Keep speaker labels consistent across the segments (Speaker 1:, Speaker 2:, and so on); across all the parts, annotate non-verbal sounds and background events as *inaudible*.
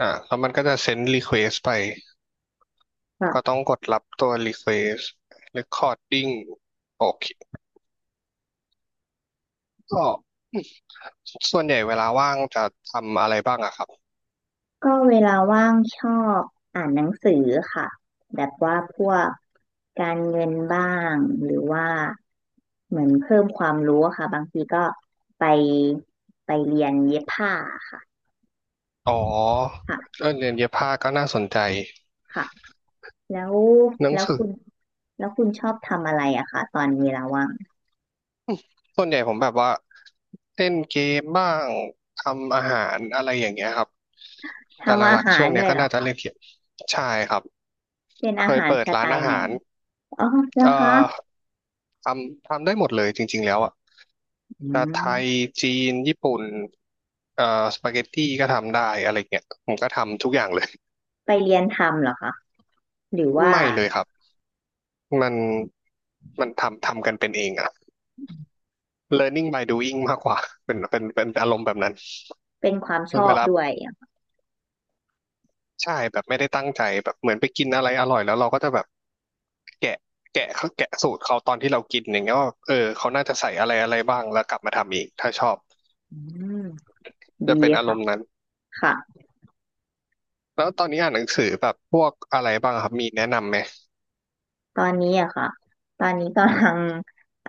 Speaker 1: อ่ะแล้วมันก็จะเซ็นรีเควสไปก็ต้
Speaker 2: ค่ะ
Speaker 1: องกดรับตัวรีเควส recording โอเคก็ส่วนใหญ่เวลาว่างจะทำอะไรบ้างอะครับ
Speaker 2: ก็เวลาว่างชอบอ่านหนังสือค่ะแบบว่าพวกการเงินบ้างหรือว่าเหมือนเพิ่มความรู้อะค่ะบางทีก็ไปไปเรียนเย็บผ้าค่ะ
Speaker 1: อ๋อ
Speaker 2: ค่ะ
Speaker 1: เรื่องเรียนเย็บผ้าก็น่าสนใจ
Speaker 2: ค่ะแล้ว
Speaker 1: หนัง
Speaker 2: แล้ว
Speaker 1: สือ
Speaker 2: คุณแล้วคุณชอบทำอะไรอะคะตอนเวลาว่าง
Speaker 1: ส่วนใหญ่ผมแบบว่าเล่นเกมบ้างทำอาหารอะไรอย่างเงี้ยครับแต่ห
Speaker 2: ทำอา
Speaker 1: ลักๆ
Speaker 2: หา
Speaker 1: ช่
Speaker 2: ร
Speaker 1: วงเนี้
Speaker 2: ด้
Speaker 1: ย
Speaker 2: วย
Speaker 1: ก็
Speaker 2: เหรอ
Speaker 1: น่าจะ
Speaker 2: คะ
Speaker 1: เล่นเกมใช่ครับ
Speaker 2: เป็น
Speaker 1: เค
Speaker 2: อา
Speaker 1: ย
Speaker 2: หาร
Speaker 1: เปิด
Speaker 2: ส
Speaker 1: ร้า
Speaker 2: ไต
Speaker 1: นอา
Speaker 2: ล์ไหน
Speaker 1: หาร
Speaker 2: อ๋อแล้
Speaker 1: เอ่
Speaker 2: ว
Speaker 1: อ
Speaker 2: คะ
Speaker 1: ทำได้หมดเลยจริงๆแล้วอะ
Speaker 2: อื
Speaker 1: จะไทย
Speaker 2: ม
Speaker 1: จีน ญี่ปุ่นเอ่อสปาเกตตี้ก็ทำได้อะไรเงี้ยผมก็ทำทุกอย่างเลย
Speaker 2: ไปเรียนทำเหรอคะหรือว่า
Speaker 1: ไม่เลยครับ มันมันทำกันเป็นเองอะ learning by doing มากกว่า เป็นอารมณ์แบบนั้น
Speaker 2: เป็นความชอ
Speaker 1: เว
Speaker 2: บ
Speaker 1: ลา
Speaker 2: ด้วยอะ
Speaker 1: ใช่แบบไม่ได้ตั้งใจแบบเหมือนไปกินอะไรอร่อยแล้วเราก็จะแบบแกะแกะเขาแกะสูตรเขาตอนที่เรากินอย่างเงี้ยว่าเออเขาน่าจะใส่อะไรอะไรบ้าง แล้วกลับมาทำอีก ถ้าชอบ
Speaker 2: อืม ดี
Speaker 1: จะเป็นอาร
Speaker 2: ค่ะ
Speaker 1: มณ์นั้น
Speaker 2: ค่ะ
Speaker 1: แล้วตอนนี้อ่านหนังสือแบบพวกอะไรบ้างครับมีแนะนำไหม
Speaker 2: ตอนนี้อะค่ะ ตอนนี้กำลัง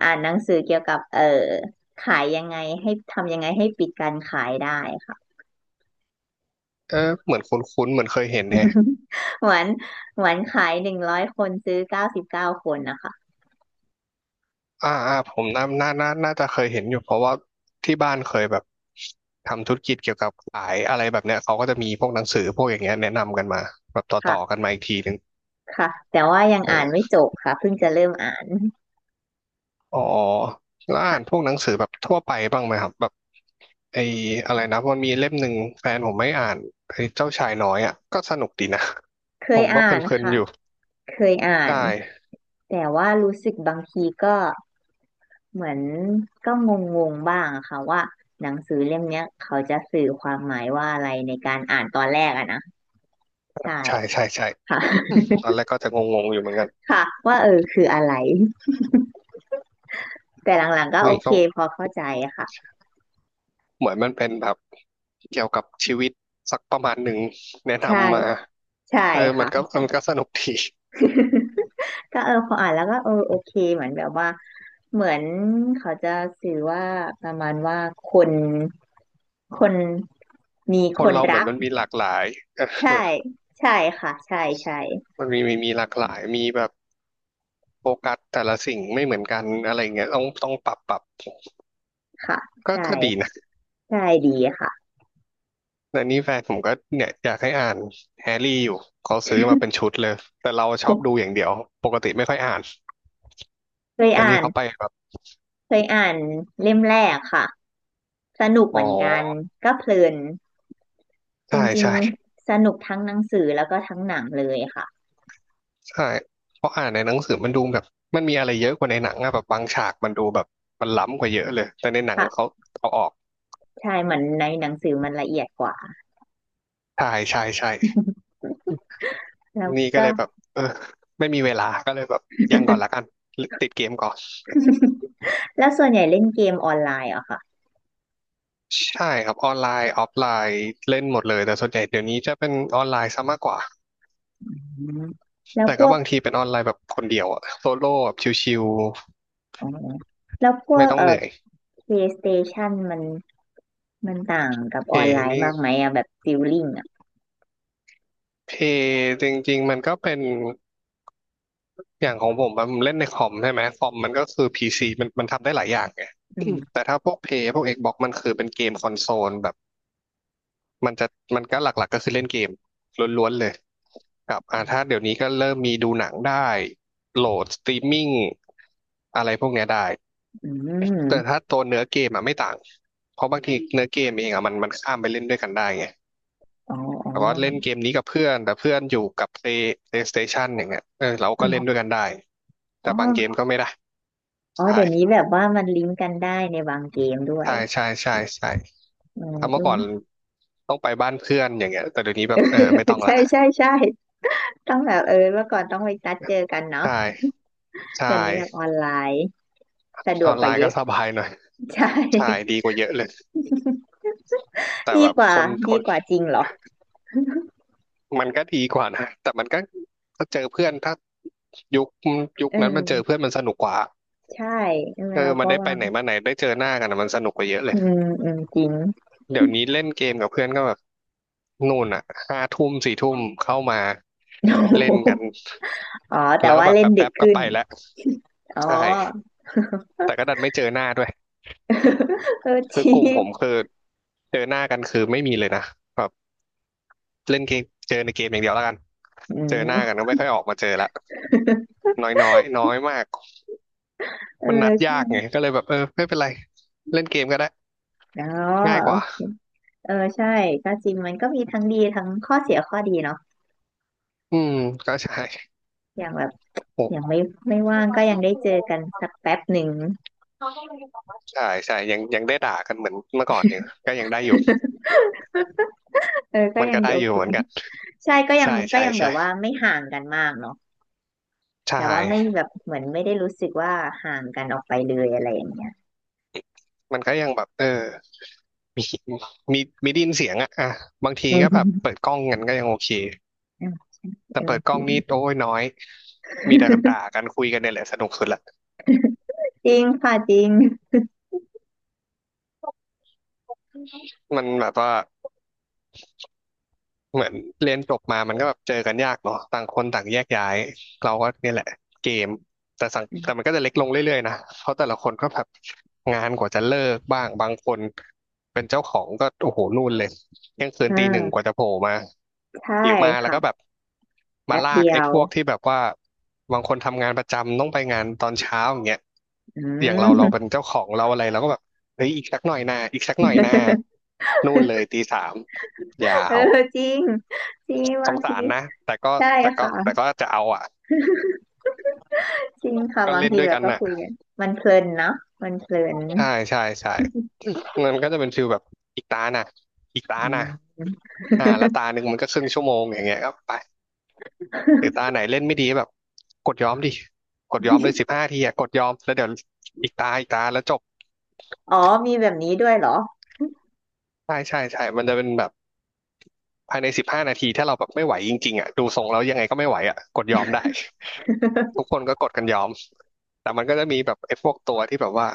Speaker 2: อ่านหนังสือเกี่ยวกับขายยังไงให้ทำยังไงให้ปิดการขายได้ค่ะ
Speaker 1: เออเหมือนคุ้นๆเหมือนเคยเห็นแฮะ
Speaker 2: *laughs* เหวานเหวนขาย100คนซื้อ99คนนะคะ
Speaker 1: ผมน่าจะเคยเห็นอยู่เพราะว่าที่บ้านเคยแบบทำธุรกิจเกี่ยวกับขายอะไรแบบเนี้ยเขาก็จะมีพวกหนังสือพวกอย่างเงี้ยแนะนำกันมาแบบต่อกั
Speaker 2: ค่ะ
Speaker 1: นมาอีกทีหนึ่ง
Speaker 2: ค่ะแต่ว่ายังอ่านไม่
Speaker 1: เออ
Speaker 2: จบค่ะเพิ่งจะเริ่มอ่าน
Speaker 1: อ๋อแล้วอ่า
Speaker 2: ค่ะ
Speaker 1: นพวกหนังสือแบบทั่วไปบ้างไหมครับแบบไอ้อะไรนะมันมีเล่มหนึ่งแฟนผมไม่อ่านไอ้เจ้าชายน้อยอ่ะก็สนุกดีนะ
Speaker 2: เค
Speaker 1: ผ
Speaker 2: ย
Speaker 1: มก็เพ
Speaker 2: อ่าน
Speaker 1: ลิน
Speaker 2: ค่ะ
Speaker 1: ๆอยู่
Speaker 2: เคยอ่า
Speaker 1: ใช
Speaker 2: น
Speaker 1: ่
Speaker 2: แต่ว่ารู้สึกบางทีก็เหมือนก็งงๆบ้างอะค่ะว่าหนังสือเล่มเนี้ยเขาจะสื่อความหมายว่าอะไรในการอ่านตอนแรกอะนะใช่
Speaker 1: ใช่
Speaker 2: ค่ะ
Speaker 1: ใช่ใช่
Speaker 2: *laughs*
Speaker 1: ตอนแรกก็จะงงๆอยู่เหมือนกัน
Speaker 2: ค่ะว่าเออคืออะไรแต่หลังๆก็โอ
Speaker 1: นี่
Speaker 2: เค
Speaker 1: เขา
Speaker 2: พอเข้าใจค่ะ
Speaker 1: เหมือนมันเป็นแบบเกี่ยวกับชีวิตสักประมาณหนึ่งแนะ
Speaker 2: ใช่
Speaker 1: นำมา
Speaker 2: ใช่
Speaker 1: เออมัน
Speaker 2: ค่ะ
Speaker 1: ก็
Speaker 2: ใช่
Speaker 1: มันก็สนุกดี
Speaker 2: *laughs* ก็เออพออ่านแล้วก็เออโอเคเหมือนแบบว่าเหมือนเขาจะสื่อว่าประมาณว่าคนคนมี
Speaker 1: ค
Speaker 2: ค
Speaker 1: น
Speaker 2: น
Speaker 1: เราเหมือ
Speaker 2: รั
Speaker 1: น
Speaker 2: ก
Speaker 1: มันมีหลากหลายเออ
Speaker 2: ใช่ใช่ค่ะใช่ใช่
Speaker 1: มันมีหลากหลายมีแบบโฟกัสแต่ละสิ่งไม่เหมือนกันอะไรเงี้ยต้องปรับ
Speaker 2: ค่ะ
Speaker 1: ก็
Speaker 2: ใช่
Speaker 1: ก็ดี
Speaker 2: ค่ะ
Speaker 1: นะ
Speaker 2: ใช่ดีค่ะ
Speaker 1: แต่นี่แฟนผมก็เนี่ยอยากให้อ่านแฮร์รี่อยู่เขาซื้อมาเป็นชุดเลยแต่เราชอบดูอย่างเดียวปกติไม่ค่อยอ่าน
Speaker 2: เคย
Speaker 1: แต่
Speaker 2: อ่า
Speaker 1: นี่
Speaker 2: น
Speaker 1: เขาไปแบบ
Speaker 2: เคยอ่านเล่มแรกค่ะสนุกเห
Speaker 1: อ๋
Speaker 2: มือนกัน
Speaker 1: อ
Speaker 2: ก็เพลินจร
Speaker 1: ใช่
Speaker 2: ิง
Speaker 1: ใช่
Speaker 2: ๆสนุกทั้งหนังสือแล้วก็ทั้งหนังเลยค่ะ
Speaker 1: ใช่เพราะอ่านในหนังสือมันดูแบบมันมีอะไรเยอะกว่าในหนังอะแบบบางฉากมันดูแบบมันล้ำกว่าเยอะเลยแต่ในหนังเขา
Speaker 2: ค่ะ
Speaker 1: เอาออก
Speaker 2: ใช่เหมือนในหนังสือมันละเอียดกว่า
Speaker 1: ใช่ใช่ใช่
Speaker 2: แล้ว
Speaker 1: นี่ก็
Speaker 2: ก็
Speaker 1: เลยแบบเออไม่มีเวลาก็เลยแบบยังก่อนละกันติดเกมก่อน
Speaker 2: *laughs* แล้วส่วนใหญ่เล่นเกมออนไลน์เหรอะค่ะ
Speaker 1: ใช่ครับออนไลน์ออฟไลน์เล่นหมดเลยแต่ส่วนใหญ่เดี๋ยวนี้จะเป็นออนไลน์ซะมากกว่า
Speaker 2: อืมแล้ว
Speaker 1: แต่
Speaker 2: พ
Speaker 1: ก็
Speaker 2: วก
Speaker 1: บางทีเป็นออนไลน์แบบคนเดียวอะโซโล่แบบชิว
Speaker 2: อ๋อแล้วพ
Speaker 1: ๆ
Speaker 2: ว
Speaker 1: ไม่
Speaker 2: ก
Speaker 1: ต้องเหนื่อย
Speaker 2: PlayStation มันมันต่างกับ
Speaker 1: เพ
Speaker 2: ออนไลน์
Speaker 1: นี่
Speaker 2: มากไหมอะแบบฟิลลิ่งอะ
Speaker 1: เพจริงๆมันก็เป็น อย่างของผมอะผมเล่นในคอมใช่ไหมคอมมันก็คือพีซีมันทำได้หลายอย่างไง
Speaker 2: อื
Speaker 1: อืม
Speaker 2: ม
Speaker 1: แต่ถ้าพวกเพย์พวกเอกบอกมันคือเป็นเกมคอนโซลแบบมันจะมันก็หลักๆก็คือเล่นเกมล้วนๆเลยกับอ่าถ้าเดี๋ยวนี้ก็เริ่มมีดูหนังได้โหลดสตรีมมิ่งอะไรพวกเนี้ยได้
Speaker 2: อื
Speaker 1: แต่ถ้า
Speaker 2: ม
Speaker 1: ตัวเนื้อเกมอะไม่ต่างเพราะบางทีเนื้อเกมเองอะมันข้ามไปเล่นด้วยกันได้ไง
Speaker 2: อ๋ออ๋อ
Speaker 1: แต่ว่าเล่นเกมนี้กับเพื่อนแต่เพื่อนอยู่กับ PlayStation อย่างเงี้ยเออเราก็เล่นด้วย
Speaker 2: เอออ
Speaker 1: กันได้แต่
Speaker 2: ๋
Speaker 1: บางเกม
Speaker 2: อ
Speaker 1: ก็ไม่ได้
Speaker 2: อ๋อ
Speaker 1: ใช่
Speaker 2: เดี๋ยวนี้แบบว่ามันลิงก์กันได้ในบางเกมด้วย
Speaker 1: ใช่ใช่ใช่ใช่
Speaker 2: อืม
Speaker 1: ถ้า
Speaker 2: *laughs* อื
Speaker 1: เมื่อก่อ
Speaker 2: ม
Speaker 1: นต้องไปบ้านเพื่อนอย่างเงี้ยแต่เดี๋ยวนี้แบบเออไม่ต้อง
Speaker 2: *laughs*
Speaker 1: ละ
Speaker 2: ใช่ใช่ใช่ต้องแบบเออเมื่อก่อนต้องไปนัดเจอกัน
Speaker 1: ใช
Speaker 2: เนาะ
Speaker 1: ่ใช่
Speaker 2: เดี๋ยวนี้แบบออนไลน์สะด
Speaker 1: อ
Speaker 2: วก
Speaker 1: อน
Speaker 2: ก
Speaker 1: ไล
Speaker 2: ว่า
Speaker 1: น์
Speaker 2: เย
Speaker 1: ก็
Speaker 2: อะ
Speaker 1: สบายหน่อย
Speaker 2: *laughs* ใช่
Speaker 1: ใช่ดีกว่าเยอะเลยแต่
Speaker 2: *laughs* ดี
Speaker 1: แบบ
Speaker 2: กว่า
Speaker 1: คนค
Speaker 2: ดี
Speaker 1: น
Speaker 2: กว่าจริงเหรอ
Speaker 1: มันก็ดีกว่านะแต่มันก็ถ้าเจอเพื่อนถ้ายุคยุค
Speaker 2: เอ
Speaker 1: นั้นมันเจอเพื่อ
Speaker 2: อ
Speaker 1: นมันสนุกกว่า
Speaker 2: ใช่เออ
Speaker 1: เออ
Speaker 2: เรา
Speaker 1: มัน
Speaker 2: ก็
Speaker 1: ได้ไป
Speaker 2: ว่า
Speaker 1: ไหนมาไหนได้เจอหน้ากันอะมันสนุกกว่าเยอะเล
Speaker 2: อื
Speaker 1: ย
Speaker 2: มอืมจริง
Speaker 1: เดี๋ยวนี้เล่นเกมกับเพื่อนก็แบบนู่นอ่ะห้าทุ่มสี่ทุ่มเข้ามาเล่นกัน
Speaker 2: *laughs* อ๋อแต่
Speaker 1: แล้วก็
Speaker 2: ว่า
Speaker 1: แบบ
Speaker 2: เล่นดึ
Speaker 1: แป๊
Speaker 2: ก
Speaker 1: บๆก็
Speaker 2: ขึ้น
Speaker 1: ไปแล้ว
Speaker 2: อ๋อ
Speaker 1: ใช่แต่ก็ดันไม่เจอหน้าด้วย
Speaker 2: *laughs* เออจ
Speaker 1: คือ
Speaker 2: ริ
Speaker 1: กลุ่มผม
Speaker 2: ง
Speaker 1: คือเจอหน้ากันคือไม่มีเลยนะแบบเล่นเกมเจอในเกมอย่างเดียวแล้วกัน
Speaker 2: อื
Speaker 1: เจอห
Speaker 2: ม
Speaker 1: น้ากันก็ไม่ค่อยออกมาเจอละน้อยน้อยน้อยมาก
Speaker 2: เออ
Speaker 1: มันนัดยากไง
Speaker 2: ใช่
Speaker 1: ก็เลยแบบเออไม่เป็นไรเล่นเกมก็ได้
Speaker 2: อ๋อ
Speaker 1: ง่ายก
Speaker 2: โอ
Speaker 1: ว่า
Speaker 2: เค เออใช่ก็จริงมันก็มีทั้งดีทั้งข้อเสียข้อดีเนาะ
Speaker 1: อืมก็ใช่
Speaker 2: อย่างแบบอ
Speaker 1: โห
Speaker 2: ย่างไม่ว่างก็ยังได้เจอกันสักแป๊บหนึ่ง
Speaker 1: ใช่ใช่ยังได้ด่ากันเหมือนเมื่อก่อนอยู่ก็ยังได้อยู่
Speaker 2: *laughs* เออก็
Speaker 1: มัน
Speaker 2: ยัง
Speaker 1: ก็ได้
Speaker 2: โอ
Speaker 1: อ
Speaker 2: เค
Speaker 1: ยู่เหมือนกัน
Speaker 2: *laughs* ใช่ก็ยัง
Speaker 1: ใช่
Speaker 2: ก็
Speaker 1: ใช่
Speaker 2: ยังแบบ
Speaker 1: ใช่
Speaker 2: ว่าไม่ห่างกันมากเนาะ
Speaker 1: ใช่
Speaker 2: แต่ว่าไม่แบบเหมือนไม่ได้รู้สึกว่าห่างกันออกไปเลยอะไรอย่างเงี้ย
Speaker 1: มันก็ยังแบบมีมีมีไดยินเสียงอะอ่ะบาง
Speaker 2: *laughs*
Speaker 1: ที
Speaker 2: อื
Speaker 1: ก็แบบ
Speaker 2: ม
Speaker 1: เปิดกล้องกันก็ยังโอเค
Speaker 2: เออ
Speaker 1: แต่
Speaker 2: เออ
Speaker 1: เปิดก
Speaker 2: จ
Speaker 1: ล้อ
Speaker 2: ริ
Speaker 1: ง
Speaker 2: ง
Speaker 1: นี่โอ้ยน้อยมีแต่ด่ากันคุยกันเนี่ยแหละสนุกสุดละ
Speaker 2: จริงค่ะจริง
Speaker 1: มันแบบว่า เหมือนเรียนจบมามันก็แบบเจอกันยากเนาะต่างคนต่างแยกย้ายเราก็เนี่ยแหละเกมแต่มันก็
Speaker 2: *laughs*
Speaker 1: จะเล็กลงเรื่อยๆนะเพราะแต่ละคนก็แบบงานกว่าจะเลิกบ้างบางคนเป็นเจ้าของก็โอ้โหนู่นเลยเที่ยงคื
Speaker 2: เอ
Speaker 1: นตีหนึ่งกว่า
Speaker 2: อ
Speaker 1: จะโผล่มา
Speaker 2: ใช่
Speaker 1: หรือมาแล้ว
Speaker 2: ค่ะ
Speaker 1: ก็แบบมา
Speaker 2: แป๊บ
Speaker 1: ลาก
Speaker 2: เดีย
Speaker 1: ไอ้
Speaker 2: ว
Speaker 1: พวกที่แบบว่าบางคนทำงานประจำต้องไปงานตอนเช้าอย่างเงี้ย
Speaker 2: อื
Speaker 1: อย่างเราเรา
Speaker 2: ม
Speaker 1: เป็นเจ้าของเราอะไรเราก็แบบเฮ้ยอีกสักหน่อยนะอีกสักหน่อยนะนู่นเลยตีสามยา
Speaker 2: *laughs* เออ
Speaker 1: ว
Speaker 2: จริงจริง
Speaker 1: ส
Speaker 2: บาง
Speaker 1: ง
Speaker 2: ที
Speaker 1: สารนะแต่ก็
Speaker 2: ใช่
Speaker 1: แต่ก็
Speaker 2: ค่ะ
Speaker 1: แต่ก็จะเอาอ่ะ
Speaker 2: จริงค่ะ
Speaker 1: ก็
Speaker 2: บาง
Speaker 1: เล่น
Speaker 2: ที
Speaker 1: ด้วย
Speaker 2: เรา
Speaker 1: กัน
Speaker 2: ก็
Speaker 1: น่ะ
Speaker 2: คุยกันมันเพลินเนอะมันเพลิน
Speaker 1: ใช่ใช่ใช่มันก็จะเป็นฟิลแบบอีกตาน่ะอีกตา
Speaker 2: อื
Speaker 1: น่ะ
Speaker 2: ม
Speaker 1: แล้วตาหนึ่งมันก็ครึ่งชั่วโมงอย่างเงี้ยก็ไปหรือตาไหนเล่นไม่ดีแบบกดยอมดิกดยอมเลย15 ทีอ่ะกดยอมแล้วเดี๋ยวอีกตาอีกตาแล้วจบ
Speaker 2: อ๋อมีแบบนี้ด้วยเหรอ
Speaker 1: ใช่ใช่ใช่มันจะเป็นแบบ ภายใน15 นาทีถ้าเราแบบไม่ไหวจริงๆอ่ะดูทรงแล้วยังไงก็ไม่ไหวอ่ะกดยอมได้ *laughs* ทุกคนก็กดกันยอม แต่มันก็จะมีแบบไอ้พวกตัวที่แบบว่า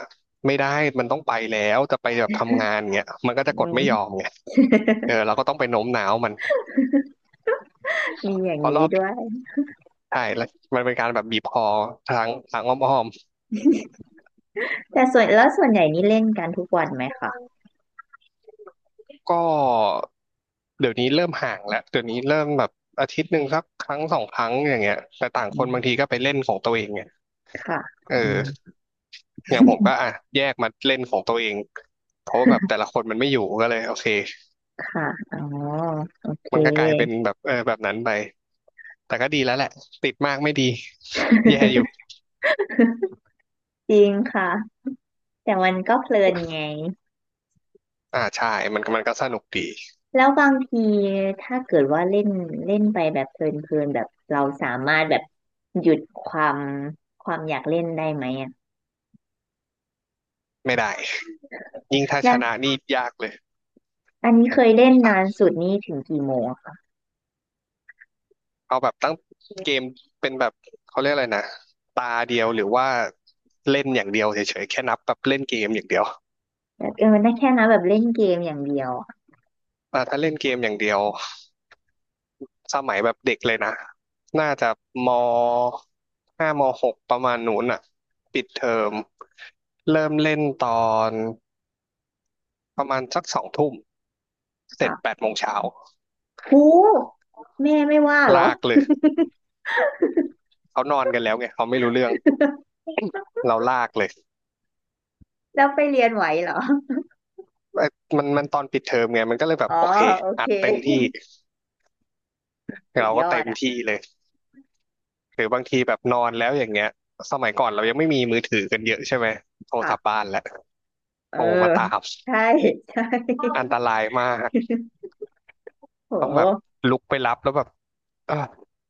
Speaker 1: ไม่ได้ มันต้องไปแล้วจะไปแบบทำงานเงี้ยมันก็
Speaker 2: อื
Speaker 1: จะกดไม่ยอม
Speaker 2: ม
Speaker 1: ไงเออเราก็ต้องไปโน้มน้าวมัน
Speaker 2: มีอย่าง
Speaker 1: เพราะร
Speaker 2: นี้
Speaker 1: อบ
Speaker 2: ด้วย
Speaker 1: ใช่แล้วมันเป็นการแบบบีบคอทางอ้อม
Speaker 2: แต่ส่วนแล้วส่วนใหญ่นี่เล่นกันทุกวันไหมคะ
Speaker 1: ๆก็เดี๋ยวนี้เริ่มห่างแล้ว เดี๋ยวนี้เริ่มแบบอาทิตย์หนึ่งสักครั้งสองครั้งอย่างเงี้ยแต่ต่าง
Speaker 2: อื
Speaker 1: คนบางที
Speaker 2: ม
Speaker 1: ก็ไปเล่นของตัวเองไง
Speaker 2: ค่ะ
Speaker 1: เอ
Speaker 2: อืม
Speaker 1: อ อย่างผมก็อ่ะแยกมาเล่นของตัวเองเพราะว่าแบบแต่ละคนมันไม่อยู่ก็เลยโอเค
Speaker 2: ค่ะอ๋อโอเค
Speaker 1: มันก็กลายเป็นแบบเออแบบนั้นไปแต่ก็ดีแล้วแหละติดมากไม่ดีแย่อยู่
Speaker 2: *laughs* จริงค่ะแต่มันก็เพลินไง
Speaker 1: อ่าใช่มันก็สนุกดี
Speaker 2: แล้วบางทีถ้าเกิดว่าเล่นเล่นไปแบบเพลินเพลินแบบเราสามารถแบบหยุดความอยากเล่นได้ไหมอ่ะ
Speaker 1: ไม่ได้ยิ่งถ้า
Speaker 2: แล้
Speaker 1: ชนะ
Speaker 2: ว
Speaker 1: นี่ยากเลย
Speaker 2: อันนี้เคยเล่นนานสุดนี่ถึงกี่โมง
Speaker 1: เอาแบบตั้งเกมเป็นแบบเขาเรียกอะไรนะตาเดียวหรือว่าเล่นอย่างเดียวเฉยๆแค่นับแบบเล่นเกมอย่างเดียว
Speaker 2: แบบเออได้แค่นั้นแบบเล่นเกมอย่างเดียวอะ
Speaker 1: ถ้าเล่นเกมอย่างเดียว สมัยแบบเด็กเลยนะน่าจะมห้ามหกประมาณนู้นอ่ะปิดเทอมเริ่มเล่นตอนประมาณสักสองทุ่มเสร็จแป
Speaker 2: ค่ะ
Speaker 1: ดโมงเช้า
Speaker 2: หูแม่ไม่ว่าเหรอ
Speaker 1: ลากเลยเขานอนกันแล้วไงเขาไม่รู้เรื่องเราลากเลย
Speaker 2: *laughs* แล้วไปเรียนไหวเหรอ
Speaker 1: เอ้ยมันตอนปิดเทอมไงมันก็เลยแบ
Speaker 2: *laughs*
Speaker 1: บ
Speaker 2: อ๋อ
Speaker 1: โอเค
Speaker 2: โอ
Speaker 1: อั
Speaker 2: เค
Speaker 1: ดเต็มที่
Speaker 2: *laughs* สุ
Speaker 1: เรา
Speaker 2: ดย
Speaker 1: ก็
Speaker 2: อ
Speaker 1: เต็
Speaker 2: ด
Speaker 1: ม
Speaker 2: อ่ะ
Speaker 1: ที่เลยหรือบางทีแบบนอนแล้วอย่างเงี้ยสมัยก่อนเรายังไม่มีมือถือกันเยอะใช่ไหมโทรศัพท์
Speaker 2: ค่ะ
Speaker 1: บ้านแหละ
Speaker 2: เอ
Speaker 1: โท
Speaker 2: อ
Speaker 1: รมาตาม
Speaker 2: ใช่ *laughs* ใช่
Speaker 1: อันตรายมาก
Speaker 2: โ
Speaker 1: ต้องแบบ
Speaker 2: ห
Speaker 1: ลุกไปรับแล้วแบบเออ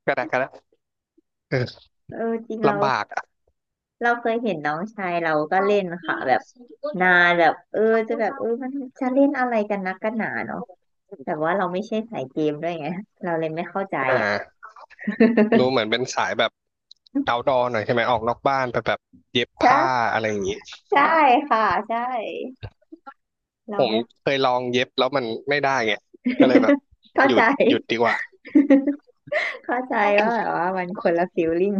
Speaker 1: กระแดกกระแดกเออ
Speaker 2: เออจริงเรา
Speaker 1: ลำบากอ่ะ
Speaker 2: เราเคยเห็นน้องชายเราก็เล่นค่ะแบบนานแบบเออจะแบบเออมันจะเล่นอะไรกันนักกันหนาเนาะแต่ว่าเราไม่ใช่สายเกมด้วยไงเราเลยไม่เข้าใจ
Speaker 1: อ่
Speaker 2: อ่ะ
Speaker 1: ารู้เหมือนเป็นสายแบบเอาดอหน่อยใช่ไหมออกนอกบ้านไปแบบเย็บผ้า
Speaker 2: ใช่
Speaker 1: อะไรอย่างงี้
Speaker 2: ใช่ค่ะใช่เรา
Speaker 1: ผม
Speaker 2: ไม่
Speaker 1: เคยลองเย็บแล้วมันไม่ได้ไงก็เลยแบบ
Speaker 2: *laughs* เข้า
Speaker 1: หยุ
Speaker 2: ใจ
Speaker 1: ดหยุดดีกว่า
Speaker 2: เข้าใจว่าแบบว่ามันคนละฟีลลิ่ง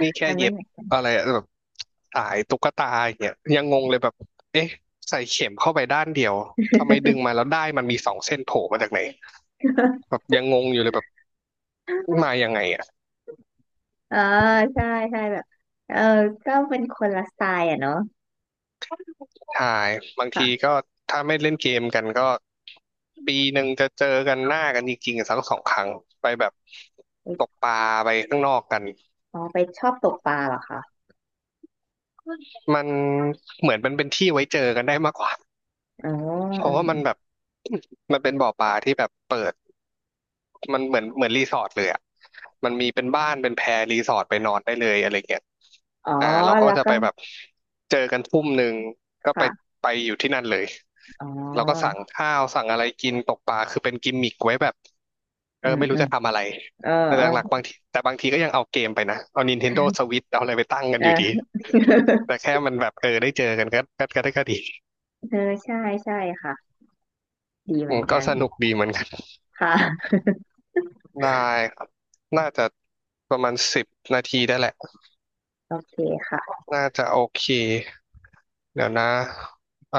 Speaker 1: นี่ แค่
Speaker 2: มันไม่
Speaker 1: เย็บ
Speaker 2: เหมือน
Speaker 1: อะไรอะแบบสายตุ๊กตาอย่างเงี้ยยังงงเลยแบบเอ๊ะใส่เข็มเข้าไปด้านเดียวทำไมดึงมาแล้วได้มันมีสองเส้นโผล่มาจากไหนแบ
Speaker 2: *laughs*
Speaker 1: บยังงงอยู่เลยแบบมายังไงอ่ะ
Speaker 2: ออใช่ใช่แบบเออก็เป็นคนละสไตล์อ่ะเนาะ
Speaker 1: ใช่บางที
Speaker 2: ค่ะ
Speaker 1: ก็ถ้าไม่เล่นเกมกันก็ปีหนึ่งจะเจอกันหน้ากันจริงๆสักสองครั้งไปแบบตกปลาไปข้างนอกกัน
Speaker 2: อ๋อไปชอบตกปลาเหรอคะ
Speaker 1: มันเหมือนมันเป็นที่ไว้เจอกันได้มากกว่า
Speaker 2: อ๋อ
Speaker 1: เพ
Speaker 2: อื
Speaker 1: ราะ
Speaker 2: ม
Speaker 1: ว่ามั
Speaker 2: อ
Speaker 1: นแบบ
Speaker 2: ม
Speaker 1: *clears throat* มันเป็นบ่อปลาที่แบบเปิด มันเหมือนรีสอร์ทเลยอ่ะมันมีเป็นบ้านเป็นแพรรีสอร์ทไปนอนได้เลยอะไรเงี้ย
Speaker 2: อ๋อ
Speaker 1: เราก็
Speaker 2: แล้ว
Speaker 1: จะ
Speaker 2: ก็
Speaker 1: ไปแบบเจอกันทุ่มหนึ่งก็ไป
Speaker 2: ค่ะ
Speaker 1: ไปอยู่ที่นั่นเลย
Speaker 2: อ๋
Speaker 1: เราก็
Speaker 2: อ
Speaker 1: สั่งข้าวสั่งอะไรกินตกปลาคือเป็นกิมมิกไว้แบบเอ
Speaker 2: อื
Speaker 1: อ
Speaker 2: ม
Speaker 1: ไม่
Speaker 2: อื
Speaker 1: รู้
Speaker 2: ม
Speaker 1: จะทำอะไร
Speaker 2: เออ
Speaker 1: แต่
Speaker 2: เอ
Speaker 1: ห
Speaker 2: อ
Speaker 1: ลักๆบางทีก็ยังเอาเกมไปนะเอา Nintendo Switch เอาอะไรไปตั้งกัน
Speaker 2: เอ
Speaker 1: อยู่
Speaker 2: อ
Speaker 1: ดีแต่
Speaker 2: *laughs*
Speaker 1: แค่มันแบบเออได้เจอกันก็ได้ก็ดี
Speaker 2: เออใช่ใช่ค่ะดีเห
Speaker 1: อื
Speaker 2: มือ
Speaker 1: ม
Speaker 2: น
Speaker 1: ก็
Speaker 2: กัน
Speaker 1: สนุกดีเหมือนกัน
Speaker 2: ค่ะ
Speaker 1: ได้ครับน่าจะประมาณ10 นาทีได้แหละ
Speaker 2: โอเคค่ะ
Speaker 1: น่าจะโอเคเดี๋ยวนะอ่า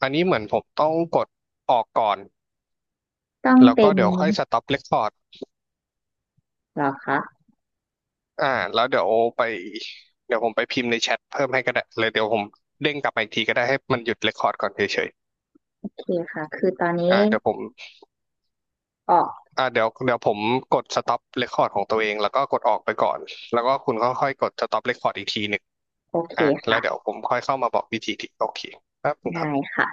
Speaker 1: อันนี้เหมือนผมต้องกดออกก่อน
Speaker 2: ต้อง
Speaker 1: แล้ว
Speaker 2: เป็
Speaker 1: ก็
Speaker 2: น
Speaker 1: เดี๋ยวค่อยสต็อปเรคคอร์ด
Speaker 2: เหรอคะ
Speaker 1: อ่าแล้วเดี๋ยวไปเดี๋ยวผมไปพิมพ์ในแชทเพิ่มให้ก็ได้เลยเดี๋ยวผมเด้งกลับมาอีกทีก็ได้ให้มันหยุดเรคคอร์ดก่อนเฉย
Speaker 2: โอเคค่ะคือตอน
Speaker 1: ๆ
Speaker 2: นี้
Speaker 1: เดี๋ยวผม
Speaker 2: ออก
Speaker 1: เดี๋ยวผมกดสต็อปเรคคอร์ดของตัวเองแล้วก็กดออกไปก่อนแล้วก็คุณก็ค่อยกดสต็อปเรคคอร์ดอีกทีหนึ่ง
Speaker 2: โอเค
Speaker 1: แล้ว
Speaker 2: ค่ะ
Speaker 1: เดี๋ยวผมค่อยเข้ามาบอกวิธีที่โอเคครั
Speaker 2: ได้
Speaker 1: บ
Speaker 2: ค่ะ